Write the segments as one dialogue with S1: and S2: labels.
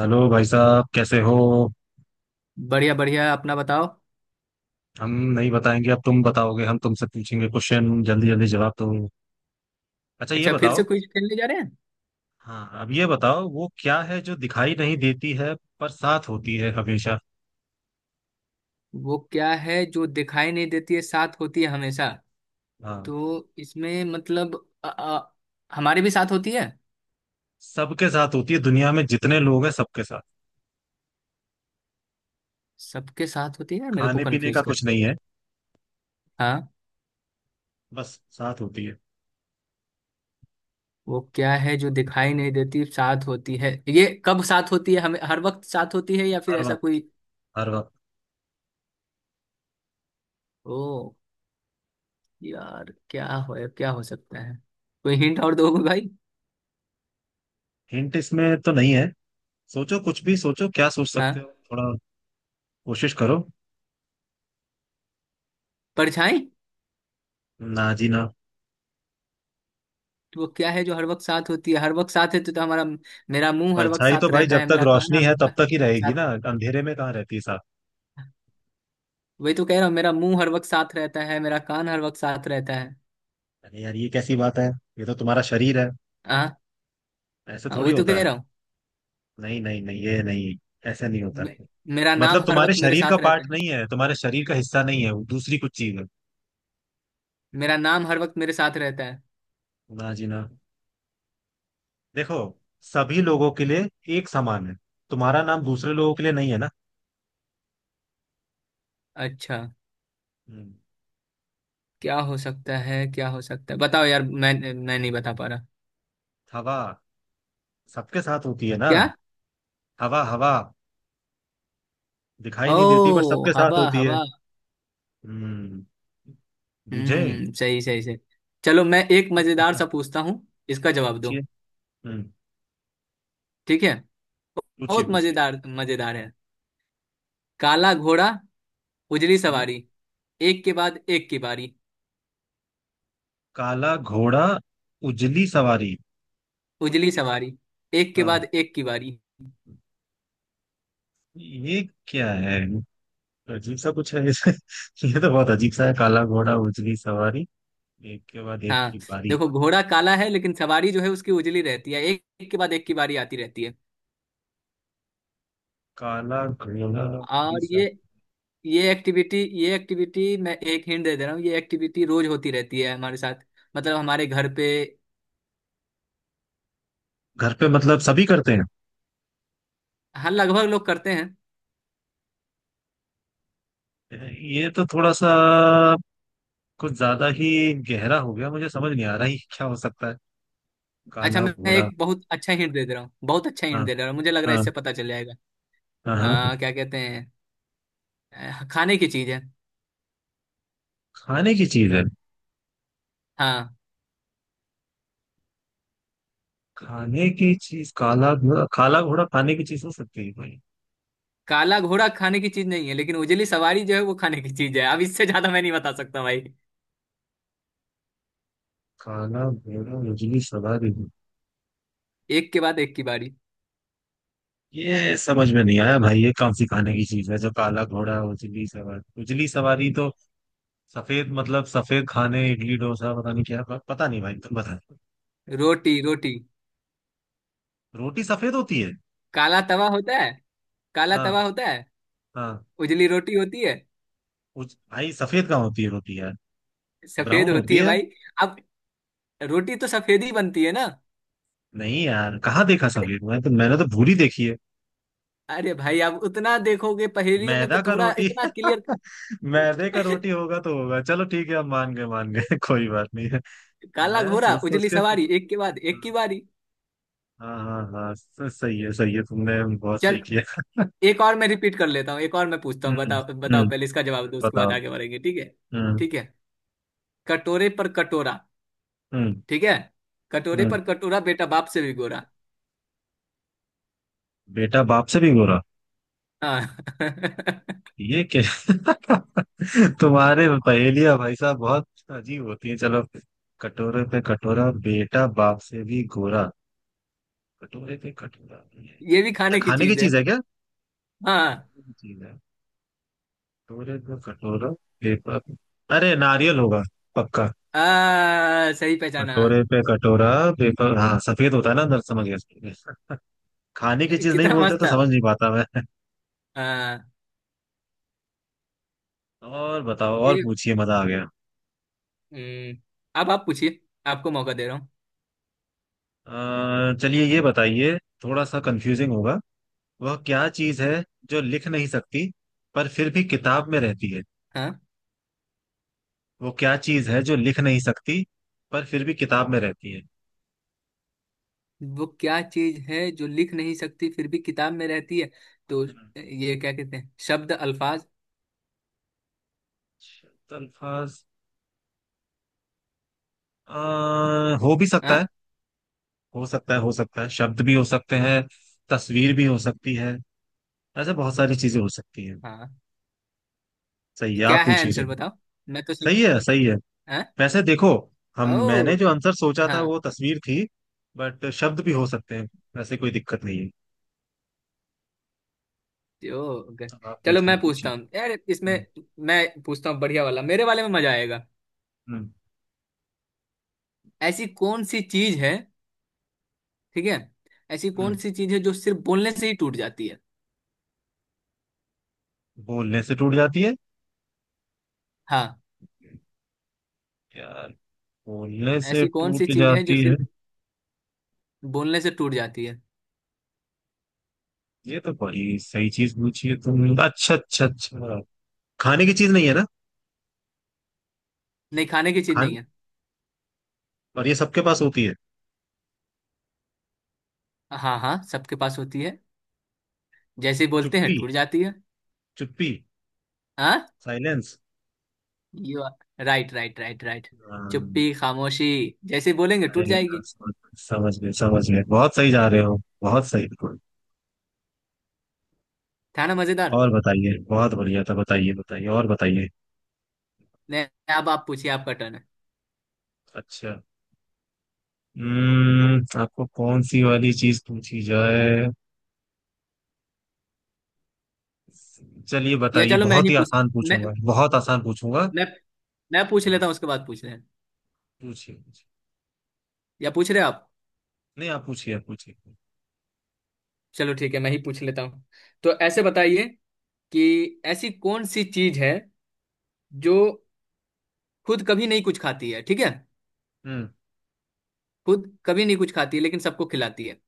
S1: Hello भाई साहब, कैसे हो।
S2: बढ़िया बढ़िया, अपना बताओ।
S1: हम नहीं बताएंगे, अब तुम बताओगे। हम तुमसे पूछेंगे क्वेश्चन, जल्दी जल्दी जवाब दो। अच्छा, ये
S2: अच्छा, फिर से
S1: बताओ।
S2: क्विज खेलने जा रहे हैं।
S1: हाँ, अब ये बताओ, वो क्या है जो दिखाई नहीं देती है, पर साथ होती है हमेशा।
S2: वो क्या है जो दिखाई नहीं देती है, साथ होती है हमेशा?
S1: हाँ,
S2: तो इसमें मतलब अ, अ, हमारे भी साथ होती है।
S1: सबके साथ होती है, दुनिया में जितने लोग हैं सबके साथ।
S2: सबके साथ होती है यार, मेरे को
S1: खाने पीने
S2: कंफ्यूज
S1: का कुछ
S2: करते
S1: नहीं
S2: हैं।
S1: है,
S2: हाँ।
S1: बस साथ होती है।
S2: वो क्या है जो दिखाई नहीं देती, साथ होती है? ये कब साथ होती है? हमें हर वक्त साथ होती है या फिर
S1: हर
S2: ऐसा
S1: वक्त।
S2: कोई?
S1: हर वक्त।
S2: ओ यार, क्या हो सकता है? कोई हिंट और दोगे भाई?
S1: हिंट इसमें तो नहीं है। सोचो, कुछ भी सोचो, क्या सोच सकते
S2: हाँ।
S1: हो थोड़ा। कोशिश करो।
S2: परछाई।
S1: ना जी ना।
S2: तो वो क्या है जो हर वक्त साथ होती है? हर वक्त साथ है तो हमारा मेरा मुंह हर वक्त
S1: परछाई तो
S2: साथ
S1: भाई
S2: रहता
S1: जब
S2: है,
S1: तक
S2: मेरा कान
S1: रोशनी
S2: हर
S1: है
S2: वक्त
S1: तब तक ही रहेगी
S2: साथ।
S1: ना। अंधेरे में कहाँ रहती है साथ।
S2: वही तो कह रहा हूँ, मेरा मुंह हर वक्त साथ रहता है, मेरा कान हर वक्त साथ रहता है।
S1: अरे यार, ये कैसी बात है। ये तो तुम्हारा शरीर है।
S2: हाँ।
S1: ऐसे
S2: हाँ,
S1: थोड़ी
S2: वही तो
S1: होता
S2: कह
S1: है।
S2: रहा हूँ।
S1: नहीं नहीं नहीं, ये नहीं। ऐसे नहीं होता।
S2: मे- मेरा नाम
S1: मतलब
S2: हर
S1: तुम्हारे
S2: वक्त मेरे
S1: शरीर का
S2: साथ रहता
S1: पार्ट
S2: है।
S1: नहीं है, तुम्हारे शरीर का हिस्सा नहीं है, वो दूसरी कुछ चीज है।
S2: मेरा नाम हर वक्त मेरे साथ रहता है।
S1: ना जी ना। देखो, सभी लोगों के लिए एक समान है। तुम्हारा नाम दूसरे लोगों के लिए नहीं है ना।
S2: अच्छा,
S1: हम्म,
S2: क्या हो सकता है? क्या हो सकता है बताओ यार, मैं नहीं बता पा रहा।
S1: हवा। सबके साथ होती है ना।
S2: क्या?
S1: हवा हवा। दिखाई नहीं देती पर
S2: ओ,
S1: सबके साथ
S2: हवा
S1: होती है।
S2: हवा।
S1: हम्म। बुझे।
S2: हम्म, सही सही सही। चलो मैं एक मजेदार सा पूछता हूँ, इसका जवाब दो।
S1: पूछिए। हम्म।
S2: ठीक है।
S1: पूछिए
S2: बहुत
S1: पूछिए।
S2: मजेदार मजेदार है। काला घोड़ा उजली
S1: हम्म,
S2: सवारी, एक के बाद एक की बारी।
S1: काला घोड़ा उजली सवारी।
S2: उजली सवारी, एक के
S1: हाँ,
S2: बाद एक की बारी।
S1: ये क्या है। अजीब सा कुछ है जैसे ये तो बहुत अजीब सा है। काला घोड़ा उजली सवारी, एक के बाद एक
S2: हाँ।
S1: की बारी।
S2: देखो, घोड़ा काला है लेकिन सवारी जो है उसकी उजली रहती है। एक के बाद एक की बारी आती रहती है।
S1: काला घोड़ा उजली
S2: और
S1: सवारी।
S2: ये एक्टिविटी, ये एक्टिविटी मैं एक हिंट दे दे रहा हूँ, ये एक्टिविटी रोज होती रहती है हमारे साथ। मतलब हमारे घर पे।
S1: घर पे मतलब सभी करते
S2: हाँ, लगभग लोग करते हैं।
S1: हैं। ये तो थोड़ा सा कुछ ज्यादा ही गहरा हो गया, मुझे समझ नहीं आ रहा है क्या हो सकता है।
S2: अच्छा,
S1: काला
S2: मैं
S1: घोड़ा।
S2: एक बहुत अच्छा हिंट दे दे रहा हूँ, बहुत अच्छा हिंट
S1: हाँ।
S2: दे दे रहा हूँ, मुझे लग रहा है
S1: हाँ।
S2: इससे पता चल जाएगा।
S1: हाँ हाँ।
S2: क्या कहते हैं, खाने की चीज है।
S1: खाने की चीज है।
S2: हाँ।
S1: खाने की चीज, काला घोड़ा, काला घोड़ा खाने की चीज हो सकती है भाई।
S2: काला घोड़ा खाने की चीज नहीं है, लेकिन उजली सवारी जो है वो खाने की चीज है। अब इससे ज्यादा मैं नहीं बता सकता भाई।
S1: काला घोड़ा उजली सवारी।
S2: एक के बाद एक की बारी।
S1: ये समझ में नहीं आया भाई, ये कौन सी खाने की चीज है जो काला घोड़ा उजली सवारी, उजली सवारी तो सफेद, मतलब सफेद खाने इडली डोसा पता नहीं क्या पता नहीं भाई, तुम बता।
S2: रोटी रोटी।
S1: रोटी सफेद होती है।
S2: काला तवा होता है। काला
S1: हाँ।
S2: तवा होता है।
S1: हाँ।
S2: उजली रोटी होती है।
S1: भाई सफेद कहाँ होती है रोटी यार।
S2: सफेद
S1: ब्राउन
S2: होती
S1: होती
S2: है
S1: है।
S2: भाई। अब रोटी तो सफेद ही बनती है ना।
S1: नहीं यार, कहाँ देखा
S2: अरे,
S1: सफेद, मैं तो मैंने तो भूरी देखी है।
S2: अरे भाई आप उतना देखोगे पहेलियों में तो
S1: मैदा का
S2: थोड़ा
S1: रोटी।
S2: इतना क्लियर।
S1: मैदे का रोटी होगा तो होगा, चलो ठीक है, हम मान गए, मान गए कोई बात नहीं है।
S2: काला
S1: मैं
S2: घोड़ा
S1: सोच सोच
S2: उजली
S1: के।
S2: सवारी, एक के बाद एक की
S1: हाँ।
S2: बारी।
S1: हाँ हाँ हाँ, सही है, सही है, तुमने बहुत
S2: चल,
S1: सही किया।
S2: एक और मैं रिपीट कर लेता हूँ, एक और मैं पूछता हूँ।
S1: हम्म।
S2: बताओ बताओ,
S1: हम्म।
S2: पहले इसका जवाब दो उसके बाद
S1: बताओ।
S2: आगे बढ़ेंगे, ठीक है।
S1: हम्म।
S2: ठीक है। कटोरे पर कटोरा।
S1: हम्म।
S2: ठीक है। कटोरे
S1: हम्म।
S2: पर कटोरा, बेटा बाप से भी गोरा।
S1: बेटा बाप से भी गोरा।
S2: हाँ।
S1: ये क्या। तुम्हारे पहेलियां भाई साहब बहुत अजीब होती है। चलो, कटोरे पे कटोरा बेटा बाप से भी गोरा। कटोरे पे कटोरा ये
S2: ये भी
S1: क्या।
S2: खाने की
S1: खाने की
S2: चीज है।
S1: चीज है क्या।
S2: हाँ।
S1: चीज है। कटोरे पे कटोरा। पेपर। अरे नारियल होगा, पक्का।
S2: सही पहचाना।
S1: कटोरे पे कटोरा पेपर, हाँ सफेद होता है ना अंदर, समझ गया। खाने की चीज नहीं
S2: कितना
S1: बोलते
S2: मस्त
S1: तो
S2: था।
S1: समझ नहीं पाता मैं।
S2: हाँ।
S1: और बताओ, और
S2: ये
S1: पूछिए, मजा आ गया।
S2: हम्म, अब आप पूछिए। आपको मौका दे रहा हूँ।
S1: चलिए ये बताइए, थोड़ा सा कंफ्यूजिंग होगा। वह क्या चीज है जो लिख नहीं सकती पर फिर भी किताब में रहती है।
S2: हाँ।
S1: वो क्या चीज है जो लिख नहीं सकती पर फिर भी किताब में रहती है।
S2: वो क्या चीज है जो लिख नहीं सकती, फिर भी किताब में रहती है? तो ये क्या कहते हैं, शब्द अल्फाज।
S1: शब्द अल्फाज। हो भी सकता है।
S2: हाँ।
S1: हो सकता है, हो सकता है, शब्द भी हो सकते हैं। तस्वीर भी हो सकती है। ऐसे बहुत सारी चीजें हो सकती हैं।
S2: हाँ।
S1: सही है,
S2: क्या
S1: आप
S2: है
S1: पूछिए।
S2: आंसर बताओ, मैं तो सब।
S1: सही है, सही है।
S2: हाँ।
S1: वैसे देखो, हम मैंने
S2: ओ
S1: जो आंसर सोचा
S2: हाँ।
S1: था वो तस्वीर थी। बट शब्द भी हो सकते हैं, वैसे कोई दिक्कत नहीं है।
S2: ओ, ओके।
S1: अब आप
S2: चलो
S1: पूछिए
S2: मैं
S1: पूछिए।
S2: पूछता हूँ यार इसमें।
S1: हम्म।
S2: मैं पूछता हूँ बढ़िया वाला, मेरे वाले में मजा आएगा।
S1: हम्म।
S2: ऐसी कौन सी चीज है, ठीक है, ऐसी कौन
S1: हम्म।
S2: सी चीज है जो सिर्फ बोलने से ही टूट जाती है?
S1: बोलने से टूट जाती है।
S2: हाँ।
S1: यार, बोलने से
S2: ऐसी कौन सी
S1: टूट
S2: चीज है जो
S1: जाती है।
S2: सिर्फ बोलने से टूट जाती है?
S1: ये तो बड़ी सही चीज पूछी है तुमने, अच्छा अच्छा अच्छा। खाने की चीज नहीं है ना।
S2: नहीं, खाने की चीज
S1: खान,
S2: नहीं है।
S1: और ये सबके पास होती है।
S2: हाँ हाँ, सबके पास होती है। जैसे ही बोलते हैं
S1: चुप्पी।
S2: टूट जाती है।
S1: चुप्पी।
S2: हाँ।
S1: Silence.
S2: You. Right right right right.
S1: Silence.
S2: चुप्पी खामोशी, जैसे ही बोलेंगे टूट जाएगी।
S1: समझ गए, समझ गए, बहुत सही जा रहे हो, बहुत सही।
S2: था ना मजेदार?
S1: और बताइए, बहुत बढ़िया था, बताइए बताइए और बताइए।
S2: नहीं, अब आप पूछिए, आपका टर्न है।
S1: अच्छा। हम्म, आपको कौन सी वाली चीज पूछी जाए। चलिए
S2: या
S1: बताइए,
S2: चलो मैं
S1: बहुत
S2: ही
S1: ही
S2: पूछ,
S1: आसान
S2: मैं
S1: पूछूंगा, बहुत आसान पूछूंगा।
S2: मैं मैं पूछ लेता
S1: हाँ,
S2: हूँ उसके बाद पूछ रहे हैं।
S1: पूछिए पूछिए।
S2: या पूछ रहे हैं आप?
S1: नहीं, आप पूछिए, आप पूछिए।
S2: चलो ठीक है, मैं ही पूछ लेता हूँ। तो ऐसे बताइए कि ऐसी कौन सी चीज है जो खुद कभी नहीं कुछ खाती है, ठीक है।
S1: हम्म।
S2: खुद कभी नहीं कुछ खाती है लेकिन सबको खिलाती है।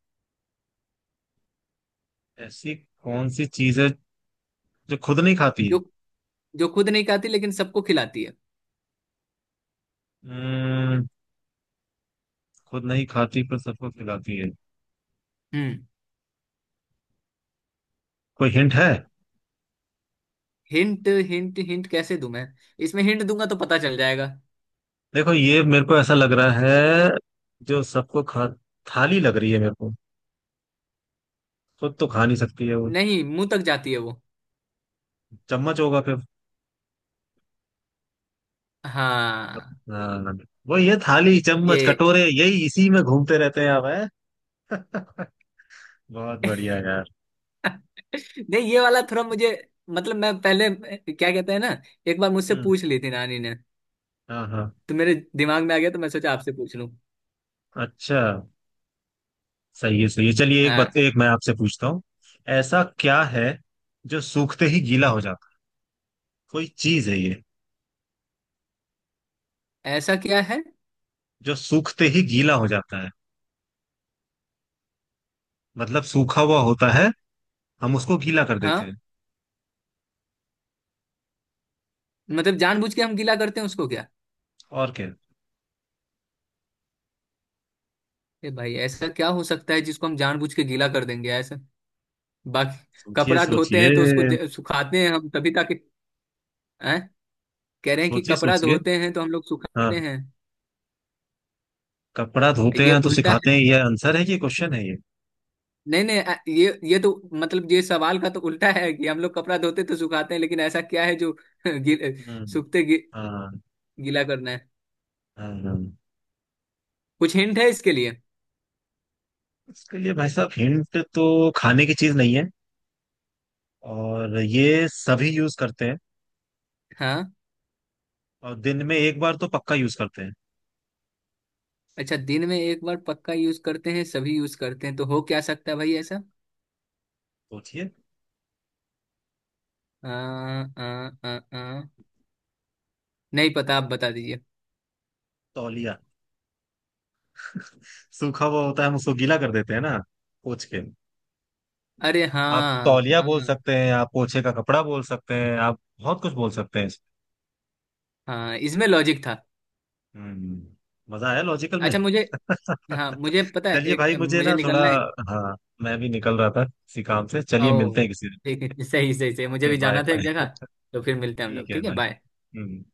S1: ऐसी कौन सी चीज है जो खुद नहीं खाती
S2: जो
S1: है।
S2: जो खुद नहीं खाती लेकिन सबको खिलाती है।
S1: हम्म। खुद नहीं खाती पर सबको खिलाती है।
S2: हम्म।
S1: कोई हिंट है।
S2: हिंट हिंट हिंट कैसे दूं मैं? इसमें हिंट दूंगा तो पता चल जाएगा।
S1: देखो, ये मेरे को ऐसा लग रहा है, जो सबको खा, थाली लग रही है मेरे को। खुद तो खा नहीं सकती है वो।
S2: नहीं, मुंह तक जाती है वो।
S1: चम्मच होगा फिर।
S2: हाँ।
S1: हाँ। वो ये थाली चम्मच
S2: ये
S1: कटोरे यही इसी में घूमते रहते हैं हम हैं? बहुत बढ़िया यार।
S2: नहीं, ये वाला थोड़ा मुझे, मतलब मैं पहले, क्या कहते हैं ना, एक बार मुझसे
S1: हम्म।
S2: पूछ ली थी नानी ने।
S1: हाँ हाँ।
S2: तो मेरे दिमाग में आ गया तो मैं सोचा आपसे पूछ लूं।
S1: अच्छा, सही है, सही है, चलिए एक बात,
S2: हाँ।
S1: एक मैं आपसे पूछता हूँ। ऐसा क्या है जो सूखते ही गीला हो जाता है। कोई चीज है ये
S2: ऐसा क्या है?
S1: जो सूखते ही गीला हो जाता है। मतलब सूखा हुआ होता है, हम उसको गीला कर
S2: हाँ।
S1: देते हैं।
S2: मतलब जानबूझ के हम गीला करते हैं उसको क्या?
S1: और क्या।
S2: ए भाई, ऐसा क्या हो सकता है जिसको हम जानबूझ के गीला कर देंगे ऐसा? बाकी
S1: सोचिए
S2: कपड़ा धोते
S1: सोचिए।
S2: हैं तो उसको सुखाते हैं हम तभी ताकि, हैं? कह रहे हैं कि
S1: सोचिए
S2: कपड़ा
S1: सोचिए।
S2: धोते हैं तो हम लोग
S1: हाँ।
S2: सुखाते हैं
S1: कपड़ा धोते
S2: ये
S1: हैं तो
S2: उल्टा।
S1: सिखाते हैं, ये आंसर है कि क्वेश्चन है ये।
S2: नहीं नहीं, ये तो मतलब ये सवाल का तो उल्टा है कि हम लोग कपड़ा धोते तो सुखाते हैं, लेकिन ऐसा क्या है जो गीले-
S1: हम्म।
S2: सूखते गी,
S1: हाँ।
S2: गीला करना है?
S1: अम,
S2: कुछ हिंट है इसके लिए?
S1: इसके लिए भाई साहब हिंट तो, खाने की चीज नहीं है और ये सभी यूज करते हैं,
S2: हाँ,
S1: और दिन में एक बार तो पक्का यूज करते हैं।
S2: अच्छा दिन में एक बार पक्का यूज करते हैं, सभी यूज करते हैं, तो हो क्या सकता है भाई ऐसा?
S1: सोचिए।
S2: आ, आ, आ, आ, नहीं पता, आप बता दीजिए।
S1: तौलिया। सूखा हुआ होता है, हम उसको गीला कर देते हैं ना, पोंछ के।
S2: अरे
S1: आप
S2: हाँ
S1: तौलिया बोल
S2: हाँ।
S1: सकते हैं, आप पोछे का कपड़ा बोल सकते हैं, आप बहुत कुछ बोल सकते हैं।
S2: हाँ, इसमें लॉजिक था।
S1: हम्म, मजा आया लॉजिकल में।
S2: अच्छा मुझे, हाँ मुझे पता है,
S1: चलिए
S2: एक
S1: भाई, मुझे
S2: मुझे
S1: ना थोड़ा।
S2: निकलना है।
S1: हाँ, मैं भी निकल रहा था किसी काम से, चलिए
S2: ओ,
S1: मिलते हैं किसी दिन।
S2: ठीक है। सही सही सही, मुझे
S1: ओके,
S2: भी
S1: बाय
S2: जाना था एक
S1: बाय।
S2: जगह। तो फिर मिलते हैं हम
S1: ठीक
S2: लोग,
S1: है
S2: ठीक है,
S1: भाई।
S2: बाय।
S1: हम्म।